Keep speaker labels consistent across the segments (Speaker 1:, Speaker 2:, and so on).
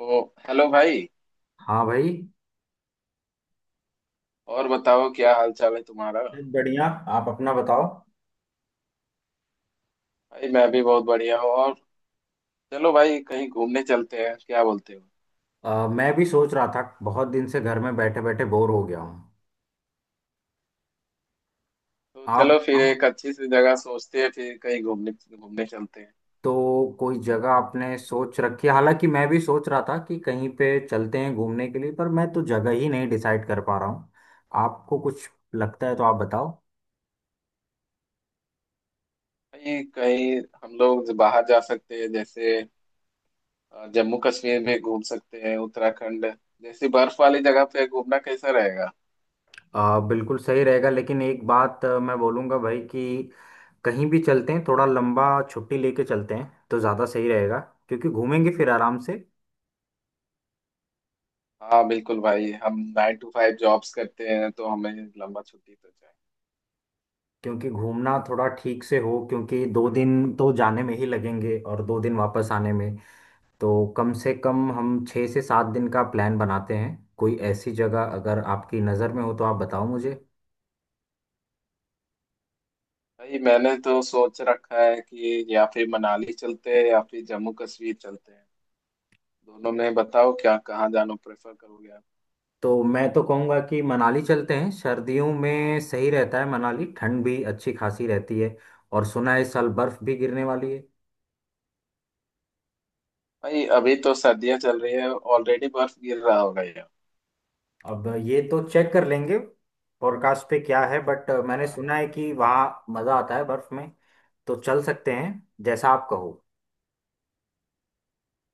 Speaker 1: ओ hello भाई।
Speaker 2: हाँ भाई।
Speaker 1: और बताओ क्या हाल चाल है तुम्हारा।
Speaker 2: बढ़िया। आप अपना बताओ।
Speaker 1: भाई मैं भी बहुत बढ़िया हूँ। और चलो भाई कहीं घूमने चलते हैं, क्या बोलते हो?
Speaker 2: मैं भी सोच रहा था बहुत दिन से घर में बैठे बैठे बोर हो गया हूँ।
Speaker 1: तो
Speaker 2: आप
Speaker 1: चलो फिर
Speaker 2: बताओ,
Speaker 1: एक अच्छी सी जगह सोचते हैं फिर कहीं घूमने घूमने चलते हैं।
Speaker 2: तो कोई जगह आपने सोच रखी है। हालांकि मैं भी सोच रहा था कि कहीं पे चलते हैं घूमने के लिए, पर मैं तो जगह ही नहीं डिसाइड कर पा रहा हूँ। आपको कुछ लगता है तो आप बताओ।
Speaker 1: भाई कहीं हम लोग बाहर जा सकते हैं जैसे जम्मू कश्मीर में घूम सकते हैं, उत्तराखंड जैसी बर्फ वाली जगह पे घूमना कैसा रहेगा?
Speaker 2: बिल्कुल सही रहेगा, लेकिन एक बात मैं बोलूँगा भाई कि कहीं भी चलते हैं, थोड़ा लंबा छुट्टी लेके चलते हैं तो ज़्यादा सही रहेगा। क्योंकि घूमेंगे फिर आराम से,
Speaker 1: हाँ बिल्कुल भाई, हम नाइन टू फाइव जॉब्स करते हैं तो हमें लंबा छुट्टी तो चाहिए।
Speaker 2: क्योंकि घूमना थोड़ा ठीक से हो। क्योंकि दो दिन तो जाने में ही लगेंगे और दो दिन वापस आने में, तो कम से कम हम छः से सात दिन का प्लान बनाते हैं। कोई ऐसी जगह अगर आपकी नज़र में हो तो आप बताओ मुझे।
Speaker 1: भाई मैंने तो सोच रखा है कि या फिर मनाली चलते हैं या फिर जम्मू कश्मीर चलते हैं। दोनों में बताओ क्या, कहाँ जाना प्रेफर करोगे आप?
Speaker 2: तो मैं तो कहूँगा कि मनाली चलते हैं। सर्दियों में सही रहता है मनाली, ठंड भी अच्छी खासी रहती है। और सुना है इस साल बर्फ़ भी गिरने वाली है।
Speaker 1: भाई अभी तो सर्दियाँ चल रही है, ऑलरेडी बर्फ गिर रहा होगा यार।
Speaker 2: अब ये तो चेक कर लेंगे फोरकास्ट पे क्या है, बट मैंने
Speaker 1: हाँ
Speaker 2: सुना
Speaker 1: हाँ।
Speaker 2: है कि वहाँ मज़ा आता है बर्फ़ में। तो चल सकते हैं, जैसा आप कहो।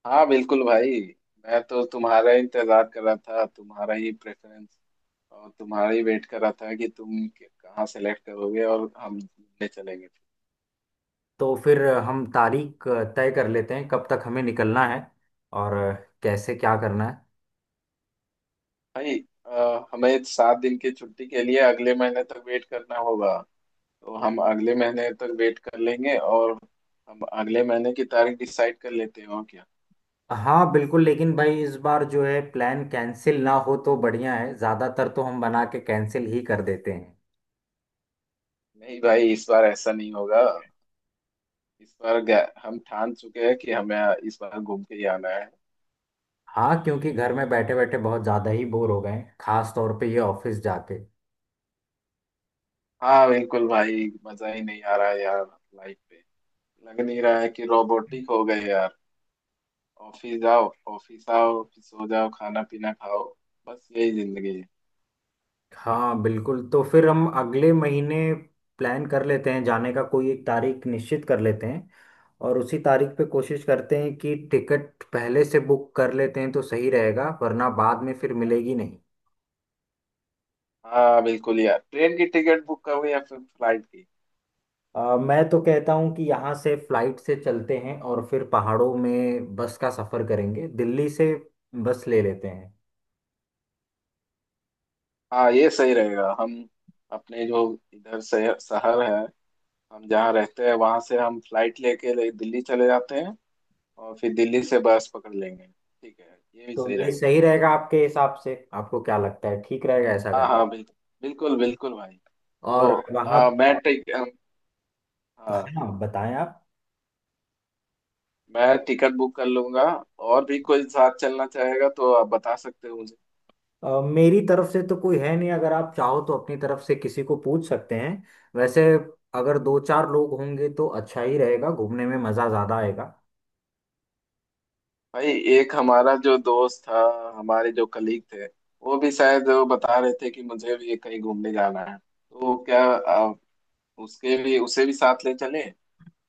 Speaker 1: हाँ बिल्कुल भाई, मैं तो तुम्हारा ही इंतजार कर रहा था, तुम्हारा ही प्रेफरेंस और तुम्हारा ही वेट कर रहा था कि तुम कहाँ सेलेक्ट करोगे और हम घूमने चलेंगे।
Speaker 2: तो फिर हम तारीख तय कर लेते हैं कब तक हमें निकलना है, और कैसे क्या करना है।
Speaker 1: भाई हमें सात दिन की छुट्टी के लिए अगले महीने तक वेट करना होगा। तो हम अगले महीने तक वेट कर लेंगे और हम अगले महीने की तारीख डिसाइड कर लेते हैं, और क्या।
Speaker 2: हाँ बिल्कुल, लेकिन भाई इस बार जो है प्लान कैंसिल ना हो तो बढ़िया है। ज़्यादातर तो हम बना के कैंसिल ही कर देते हैं।
Speaker 1: नहीं भाई, इस बार ऐसा नहीं होगा। हम ठान चुके हैं कि हमें इस बार घूम के ही आना है।
Speaker 2: हाँ, क्योंकि घर में बैठे बैठे बहुत ज़्यादा ही बोर हो गए हैं, खास तौर पे ये ऑफिस जाके।
Speaker 1: हाँ बिल्कुल भाई, मजा ही नहीं आ रहा है यार लाइफ पे। लग नहीं रहा है कि रोबोटिक हो गए यार। ऑफिस जाओ, ऑफिस आओ, फिर सो जाओ, खाना पीना खाओ। बस यही जिंदगी है।
Speaker 2: हाँ बिल्कुल, तो फिर हम अगले महीने प्लान कर लेते हैं जाने का। कोई एक तारीख निश्चित कर लेते हैं, और उसी तारीख पे कोशिश करते हैं कि टिकट पहले से बुक कर लेते हैं तो सही रहेगा, वरना बाद में फिर मिलेगी नहीं।
Speaker 1: हाँ बिल्कुल यार, ट्रेन की टिकट बुक करो या फिर फ्लाइट की।
Speaker 2: मैं तो कहता हूँ कि यहाँ से फ्लाइट से चलते हैं और फिर पहाड़ों में बस का सफ़र करेंगे। दिल्ली से बस ले लेते हैं।
Speaker 1: हाँ, ये सही रहेगा। हम अपने जो इधर शहर शहर है हम जहाँ रहते हैं वहां से हम फ्लाइट लेके दिल्ली चले जाते हैं और फिर दिल्ली से बस पकड़ लेंगे। ठीक है, ये भी
Speaker 2: तो
Speaker 1: सही
Speaker 2: ये
Speaker 1: रहेगा।
Speaker 2: सही रहेगा आपके हिसाब से? आपको क्या लगता है, ठीक रहेगा ऐसा
Speaker 1: हाँ
Speaker 2: करना?
Speaker 1: हाँ बिल्कुल। बिल्कुल भाई।
Speaker 2: और
Speaker 1: तो
Speaker 2: वहाँ,
Speaker 1: आ, मैं टिक हाँ,
Speaker 2: हाँ बताएं आप।
Speaker 1: मैं टिकट बुक कर लूंगा। और भी कोई साथ चलना चाहेगा तो आप बता सकते हो मुझे।
Speaker 2: मेरी तरफ से तो कोई है नहीं, अगर आप चाहो तो अपनी तरफ से किसी को पूछ सकते हैं। वैसे अगर दो चार लोग होंगे तो अच्छा ही रहेगा, घूमने में मज़ा ज़्यादा आएगा।
Speaker 1: भाई एक हमारा जो दोस्त था, हमारे जो कलीग थे, वो भी शायद, वो बता रहे थे कि मुझे भी कहीं घूमने जाना है, तो क्या उसके भी उसे भी साथ ले चले।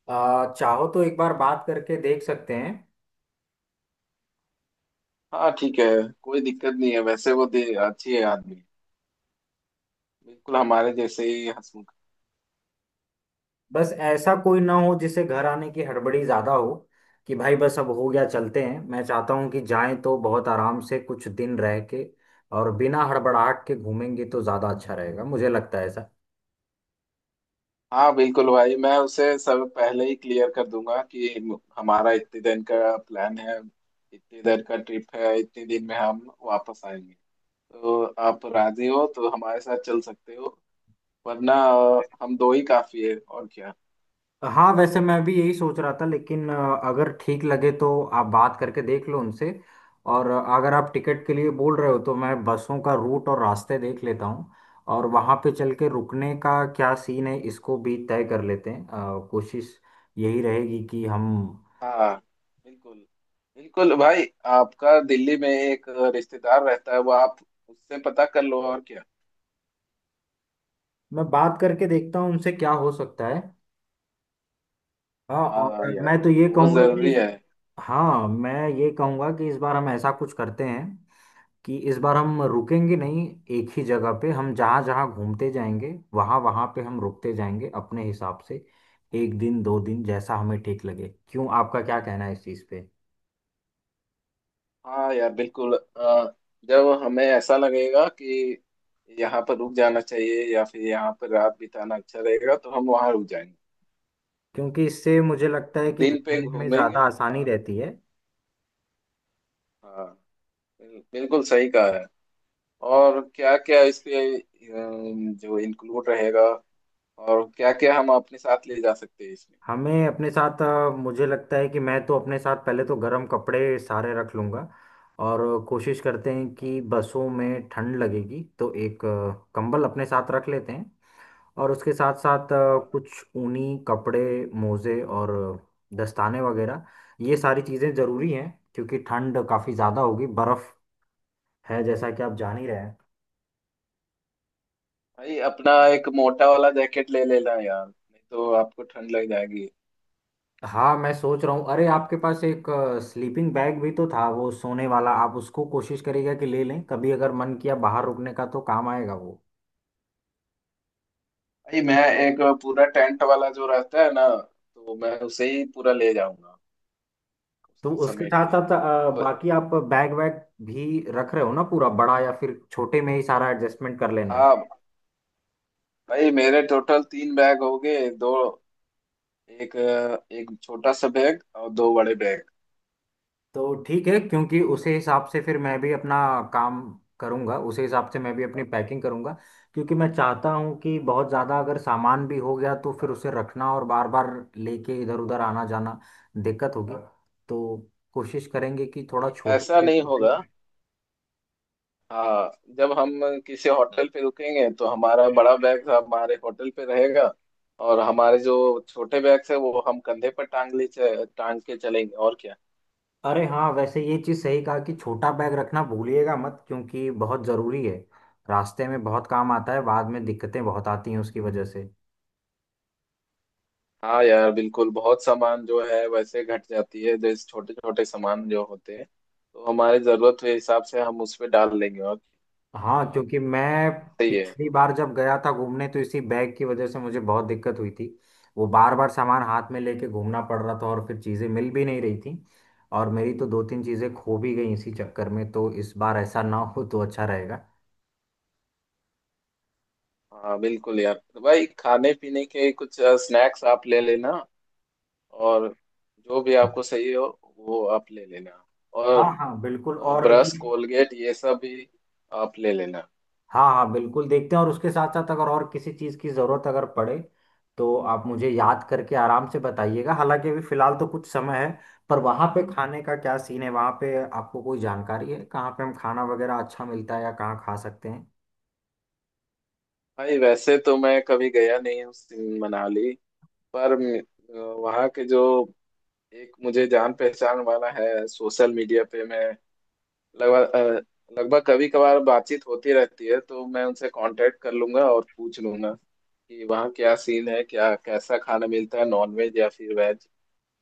Speaker 2: चाहो तो एक बार बात करके देख सकते हैं।
Speaker 1: हाँ ठीक है, कोई दिक्कत नहीं है। वैसे वो दे अच्छी है आदमी, बिल्कुल हमारे जैसे ही हंसमुख।
Speaker 2: बस ऐसा कोई ना हो जिसे घर आने की हड़बड़ी ज़्यादा हो, कि भाई बस अब हो गया चलते हैं। मैं चाहता हूँ कि जाएं तो बहुत आराम से कुछ दिन रह के, और बिना हड़बड़ाहट के घूमेंगे तो ज़्यादा अच्छा रहेगा, मुझे लगता है ऐसा।
Speaker 1: हाँ बिल्कुल भाई, मैं उसे सब पहले ही क्लियर कर दूंगा कि हमारा इतने दिन का प्लान है, इतने दिन का ट्रिप है, इतने दिन में हम वापस आएंगे। तो आप राजी हो तो हमारे साथ चल सकते हो, वरना हम दो ही काफी है, और क्या।
Speaker 2: हाँ, वैसे मैं भी यही सोच रहा था, लेकिन अगर ठीक लगे तो आप बात करके देख लो उनसे। और अगर आप टिकट के लिए बोल रहे हो तो मैं बसों का रूट और रास्ते देख लेता हूँ। और वहाँ पे चल के रुकने का क्या सीन है इसको भी तय कर लेते हैं। कोशिश यही रहेगी कि हम,
Speaker 1: हाँ बिल्कुल। बिल्कुल भाई। आपका दिल्ली में एक रिश्तेदार रहता है, वो आप उससे पता कर लो, और क्या।
Speaker 2: मैं बात करके देखता हूँ उनसे क्या हो सकता है। हाँ,
Speaker 1: हाँ
Speaker 2: और
Speaker 1: यार
Speaker 2: मैं तो ये
Speaker 1: वो
Speaker 2: कहूँगा कि,
Speaker 1: जरूरी है।
Speaker 2: हाँ मैं ये कहूँगा कि इस बार हम ऐसा कुछ करते हैं कि इस बार हम रुकेंगे नहीं एक ही जगह पे। हम जहाँ जहाँ घूमते जाएंगे वहाँ वहाँ पे हम रुकते जाएंगे अपने हिसाब से, एक दिन दो दिन जैसा हमें ठीक लगे। क्यों, आपका क्या कहना है इस चीज़ पे?
Speaker 1: हाँ यार बिल्कुल। जब हमें ऐसा लगेगा कि यहाँ पर रुक जाना चाहिए या फिर यहाँ पर रात बिताना अच्छा रहेगा तो हम वहाँ रुक जाएंगे।
Speaker 2: क्योंकि इससे मुझे लगता है
Speaker 1: हम
Speaker 2: कि
Speaker 1: दिन पे
Speaker 2: घूमने में
Speaker 1: घूमेंगे।
Speaker 2: ज़्यादा आसानी
Speaker 1: हाँ
Speaker 2: रहती है।
Speaker 1: हाँ। बिल्कुल सही कहा है। और क्या क्या इसके जो इंक्लूड रहेगा और क्या क्या हम अपने साथ ले जा सकते हैं इसमें।
Speaker 2: हमें अपने साथ मुझे लगता है कि मैं तो अपने साथ पहले तो गर्म कपड़े सारे रख लूँगा। और कोशिश करते हैं
Speaker 1: हाँ।
Speaker 2: कि बसों में ठंड लगेगी तो एक कंबल अपने साथ रख लेते हैं। और उसके साथ साथ
Speaker 1: हाँ।
Speaker 2: कुछ ऊनी कपड़े, मोजे और दस्ताने वगैरह, ये सारी चीज़ें ज़रूरी हैं। क्योंकि ठंड काफ़ी ज़्यादा होगी, बर्फ़ है, जैसा कि आप जान ही रहे हैं।
Speaker 1: भाई अपना एक मोटा वाला जैकेट ले लेना यार, नहीं तो आपको ठंड लग जाएगी।
Speaker 2: हाँ मैं सोच रहा हूँ। अरे, आपके पास एक स्लीपिंग बैग भी तो था वो सोने वाला, आप उसको कोशिश करिएगा कि ले लें। कभी अगर मन किया बाहर रुकने का तो काम आएगा वो।
Speaker 1: भाई मैं एक पूरा टेंट वाला जो रहता है ना, तो मैं उसे ही पूरा ले जाऊंगा,
Speaker 2: तो
Speaker 1: उसको
Speaker 2: उसके
Speaker 1: समेट
Speaker 2: साथ
Speaker 1: के
Speaker 2: साथ
Speaker 1: जो।
Speaker 2: बाकी आप बैग वैग भी रख रहे हो ना पूरा बड़ा, या फिर छोटे में ही सारा एडजस्टमेंट कर लेना है?
Speaker 1: हाँ भाई मेरे टोटल तीन बैग हो गए, दो, एक, एक छोटा सा बैग और दो बड़े बैग।
Speaker 2: तो ठीक है, क्योंकि उसी हिसाब से फिर मैं भी अपना काम करूंगा, उसी हिसाब से मैं भी अपनी पैकिंग करूंगा। क्योंकि मैं चाहता हूं कि बहुत ज़्यादा अगर सामान भी हो गया तो फिर उसे रखना और बार बार लेके इधर उधर आना जाना दिक्कत होगी। तो कोशिश करेंगे कि थोड़ा
Speaker 1: भाई ऐसा
Speaker 2: छोटा
Speaker 1: नहीं होगा।
Speaker 2: बैग।
Speaker 1: हाँ जब हम किसी होटल पे रुकेंगे तो हमारा बड़ा बैग हमारे होटल पे रहेगा और हमारे जो छोटे बैग्स है वो हम कंधे पर टांग के चलेंगे, और क्या।
Speaker 2: अरे हाँ, वैसे ये चीज़ सही कहा कि छोटा बैग रखना भूलिएगा मत, क्योंकि बहुत ज़रूरी है। रास्ते में बहुत काम आता है, बाद में दिक्कतें बहुत आती हैं उसकी वजह से।
Speaker 1: हाँ यार बिल्कुल, बहुत सामान जो है वैसे घट जाती है, जैसे छोटे छोटे सामान जो होते हैं तो हमारी जरूरत के हिसाब से हम उस पे डाल लेंगे और।
Speaker 2: हाँ,
Speaker 1: हाँ
Speaker 2: क्योंकि मैं
Speaker 1: सही है।
Speaker 2: पिछली बार जब गया था घूमने तो इसी बैग की वजह से मुझे बहुत दिक्कत हुई थी। वो बार बार सामान हाथ में लेके घूमना पड़ रहा था, और फिर चीज़ें मिल भी नहीं रही थी। और मेरी तो दो तीन चीज़ें खो भी गई इसी चक्कर में, तो इस बार ऐसा ना हो तो अच्छा रहेगा।
Speaker 1: हाँ बिल्कुल यार, तो भाई खाने पीने के कुछ स्नैक्स आप ले लेना, और जो भी आपको सही हो वो आप ले लेना,
Speaker 2: हाँ
Speaker 1: और
Speaker 2: हाँ बिल्कुल, और अभी।
Speaker 1: ब्रश कोलगेट ये सब भी आप ले लेना।
Speaker 2: हाँ हाँ बिल्कुल, देखते हैं। और उसके साथ साथ अगर और किसी चीज़ की ज़रूरत अगर पड़े तो आप मुझे याद करके आराम से बताइएगा। हालांकि अभी फ़िलहाल तो कुछ समय है। पर वहाँ पे खाने का क्या सीन है, वहाँ पे आपको कोई जानकारी है कहाँ पे हम खाना वगैरह अच्छा मिलता है या कहाँ खा सकते हैं?
Speaker 1: भाई वैसे तो मैं कभी गया नहीं हूँ मनाली, पर वहाँ के जो एक मुझे जान पहचान वाला है सोशल मीडिया पे, मैं लगभग लगभग कभी कभार बातचीत होती रहती है, तो मैं उनसे कांटेक्ट कर लूंगा और पूछ लूंगा कि वहाँ क्या सीन है, क्या कैसा खाना मिलता है, नॉन वेज या फिर वेज।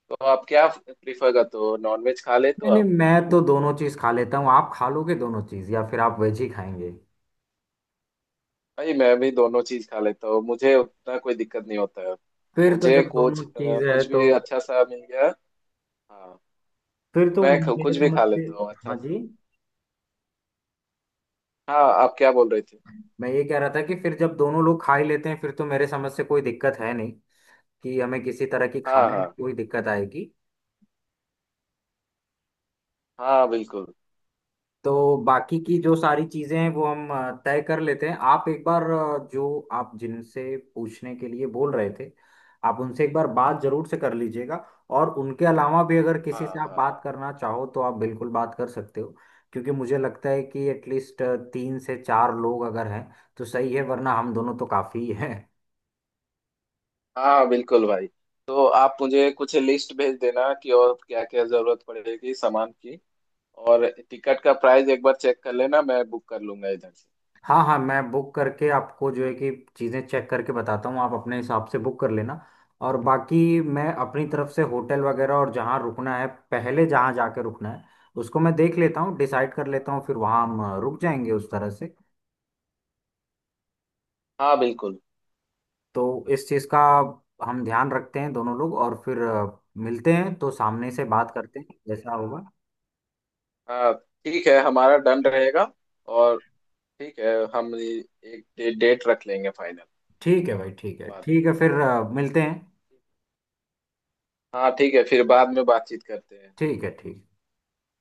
Speaker 1: तो आप क्या प्रिफर करते हो, नॉन वेज खा लेते
Speaker 2: नहीं
Speaker 1: हो
Speaker 2: नहीं,
Speaker 1: आप?
Speaker 2: मैं तो दोनों चीज़ खा लेता हूँ। आप खा लोगे दोनों चीज़ या फिर आप वेज ही खाएंगे?
Speaker 1: भाई मैं भी दोनों चीज खा लेता हूँ, मुझे उतना कोई दिक्कत नहीं होता है।
Speaker 2: फिर तो
Speaker 1: मुझे
Speaker 2: जब दोनों
Speaker 1: कुछ
Speaker 2: चीज़ है
Speaker 1: कुछ
Speaker 2: तो,
Speaker 1: भी अच्छा सा मिल गया। हाँ।
Speaker 2: फिर
Speaker 1: तो
Speaker 2: तो मेरे
Speaker 1: कुछ भी
Speaker 2: समझ
Speaker 1: खा
Speaker 2: से।
Speaker 1: लेता हूँ अच्छा
Speaker 2: हाँ
Speaker 1: सा।
Speaker 2: जी।
Speaker 1: हाँ, आप क्या बोल रही थी?
Speaker 2: मैं ये कह रहा था कि फिर जब दोनों लोग खा ही लेते हैं, फिर तो मेरे समझ से कोई दिक्कत है नहीं कि हमें किसी तरह की
Speaker 1: हाँ
Speaker 2: खाने में
Speaker 1: हाँ।
Speaker 2: कोई दिक्कत आएगी।
Speaker 1: हाँ बिल्कुल।
Speaker 2: तो बाकी की जो सारी चीजें हैं वो हम तय कर लेते हैं। आप एक बार जो आप जिनसे पूछने के लिए बोल रहे थे, आप उनसे एक बार बात जरूर से कर लीजिएगा। और उनके अलावा भी अगर किसी
Speaker 1: हाँ
Speaker 2: से आप
Speaker 1: हाँ।
Speaker 2: बात करना चाहो तो आप बिल्कुल बात कर सकते हो। क्योंकि मुझे लगता है कि एटलीस्ट तीन से चार लोग अगर हैं तो सही है, वरना हम दोनों तो काफी ही हैं।
Speaker 1: हाँ बिल्कुल भाई, तो आप मुझे कुछ लिस्ट भेज देना कि और क्या क्या जरूरत पड़ेगी सामान की, और टिकट का प्राइस एक बार चेक कर लेना, मैं बुक कर लूंगा इधर से।
Speaker 2: हाँ हाँ, मैं बुक करके आपको जो है कि चीज़ें चेक करके बताता हूँ, आप अपने हिसाब से बुक कर लेना। और बाकी मैं अपनी
Speaker 1: हाँ
Speaker 2: तरफ से होटल वगैरह और जहाँ रुकना है, पहले जहाँ जाके रुकना है उसको मैं देख लेता हूँ, डिसाइड कर लेता
Speaker 1: हाँ।
Speaker 2: हूँ। फिर वहाँ हम रुक जाएंगे उस तरह से।
Speaker 1: हाँ बिल्कुल।
Speaker 2: तो इस चीज़ का हम ध्यान रखते हैं दोनों लोग। और फिर मिलते हैं तो सामने से बात करते हैं जैसा होगा।
Speaker 1: हाँ ठीक है, हमारा डन रहेगा। और ठीक है, एक डेट रख लेंगे फाइनल।
Speaker 2: ठीक है भाई, ठीक है
Speaker 1: बात।
Speaker 2: ठीक है। फिर मिलते हैं।
Speaker 1: हाँ ठीक है, फिर बाद में बातचीत करते हैं।
Speaker 2: ठीक है, ठीक है।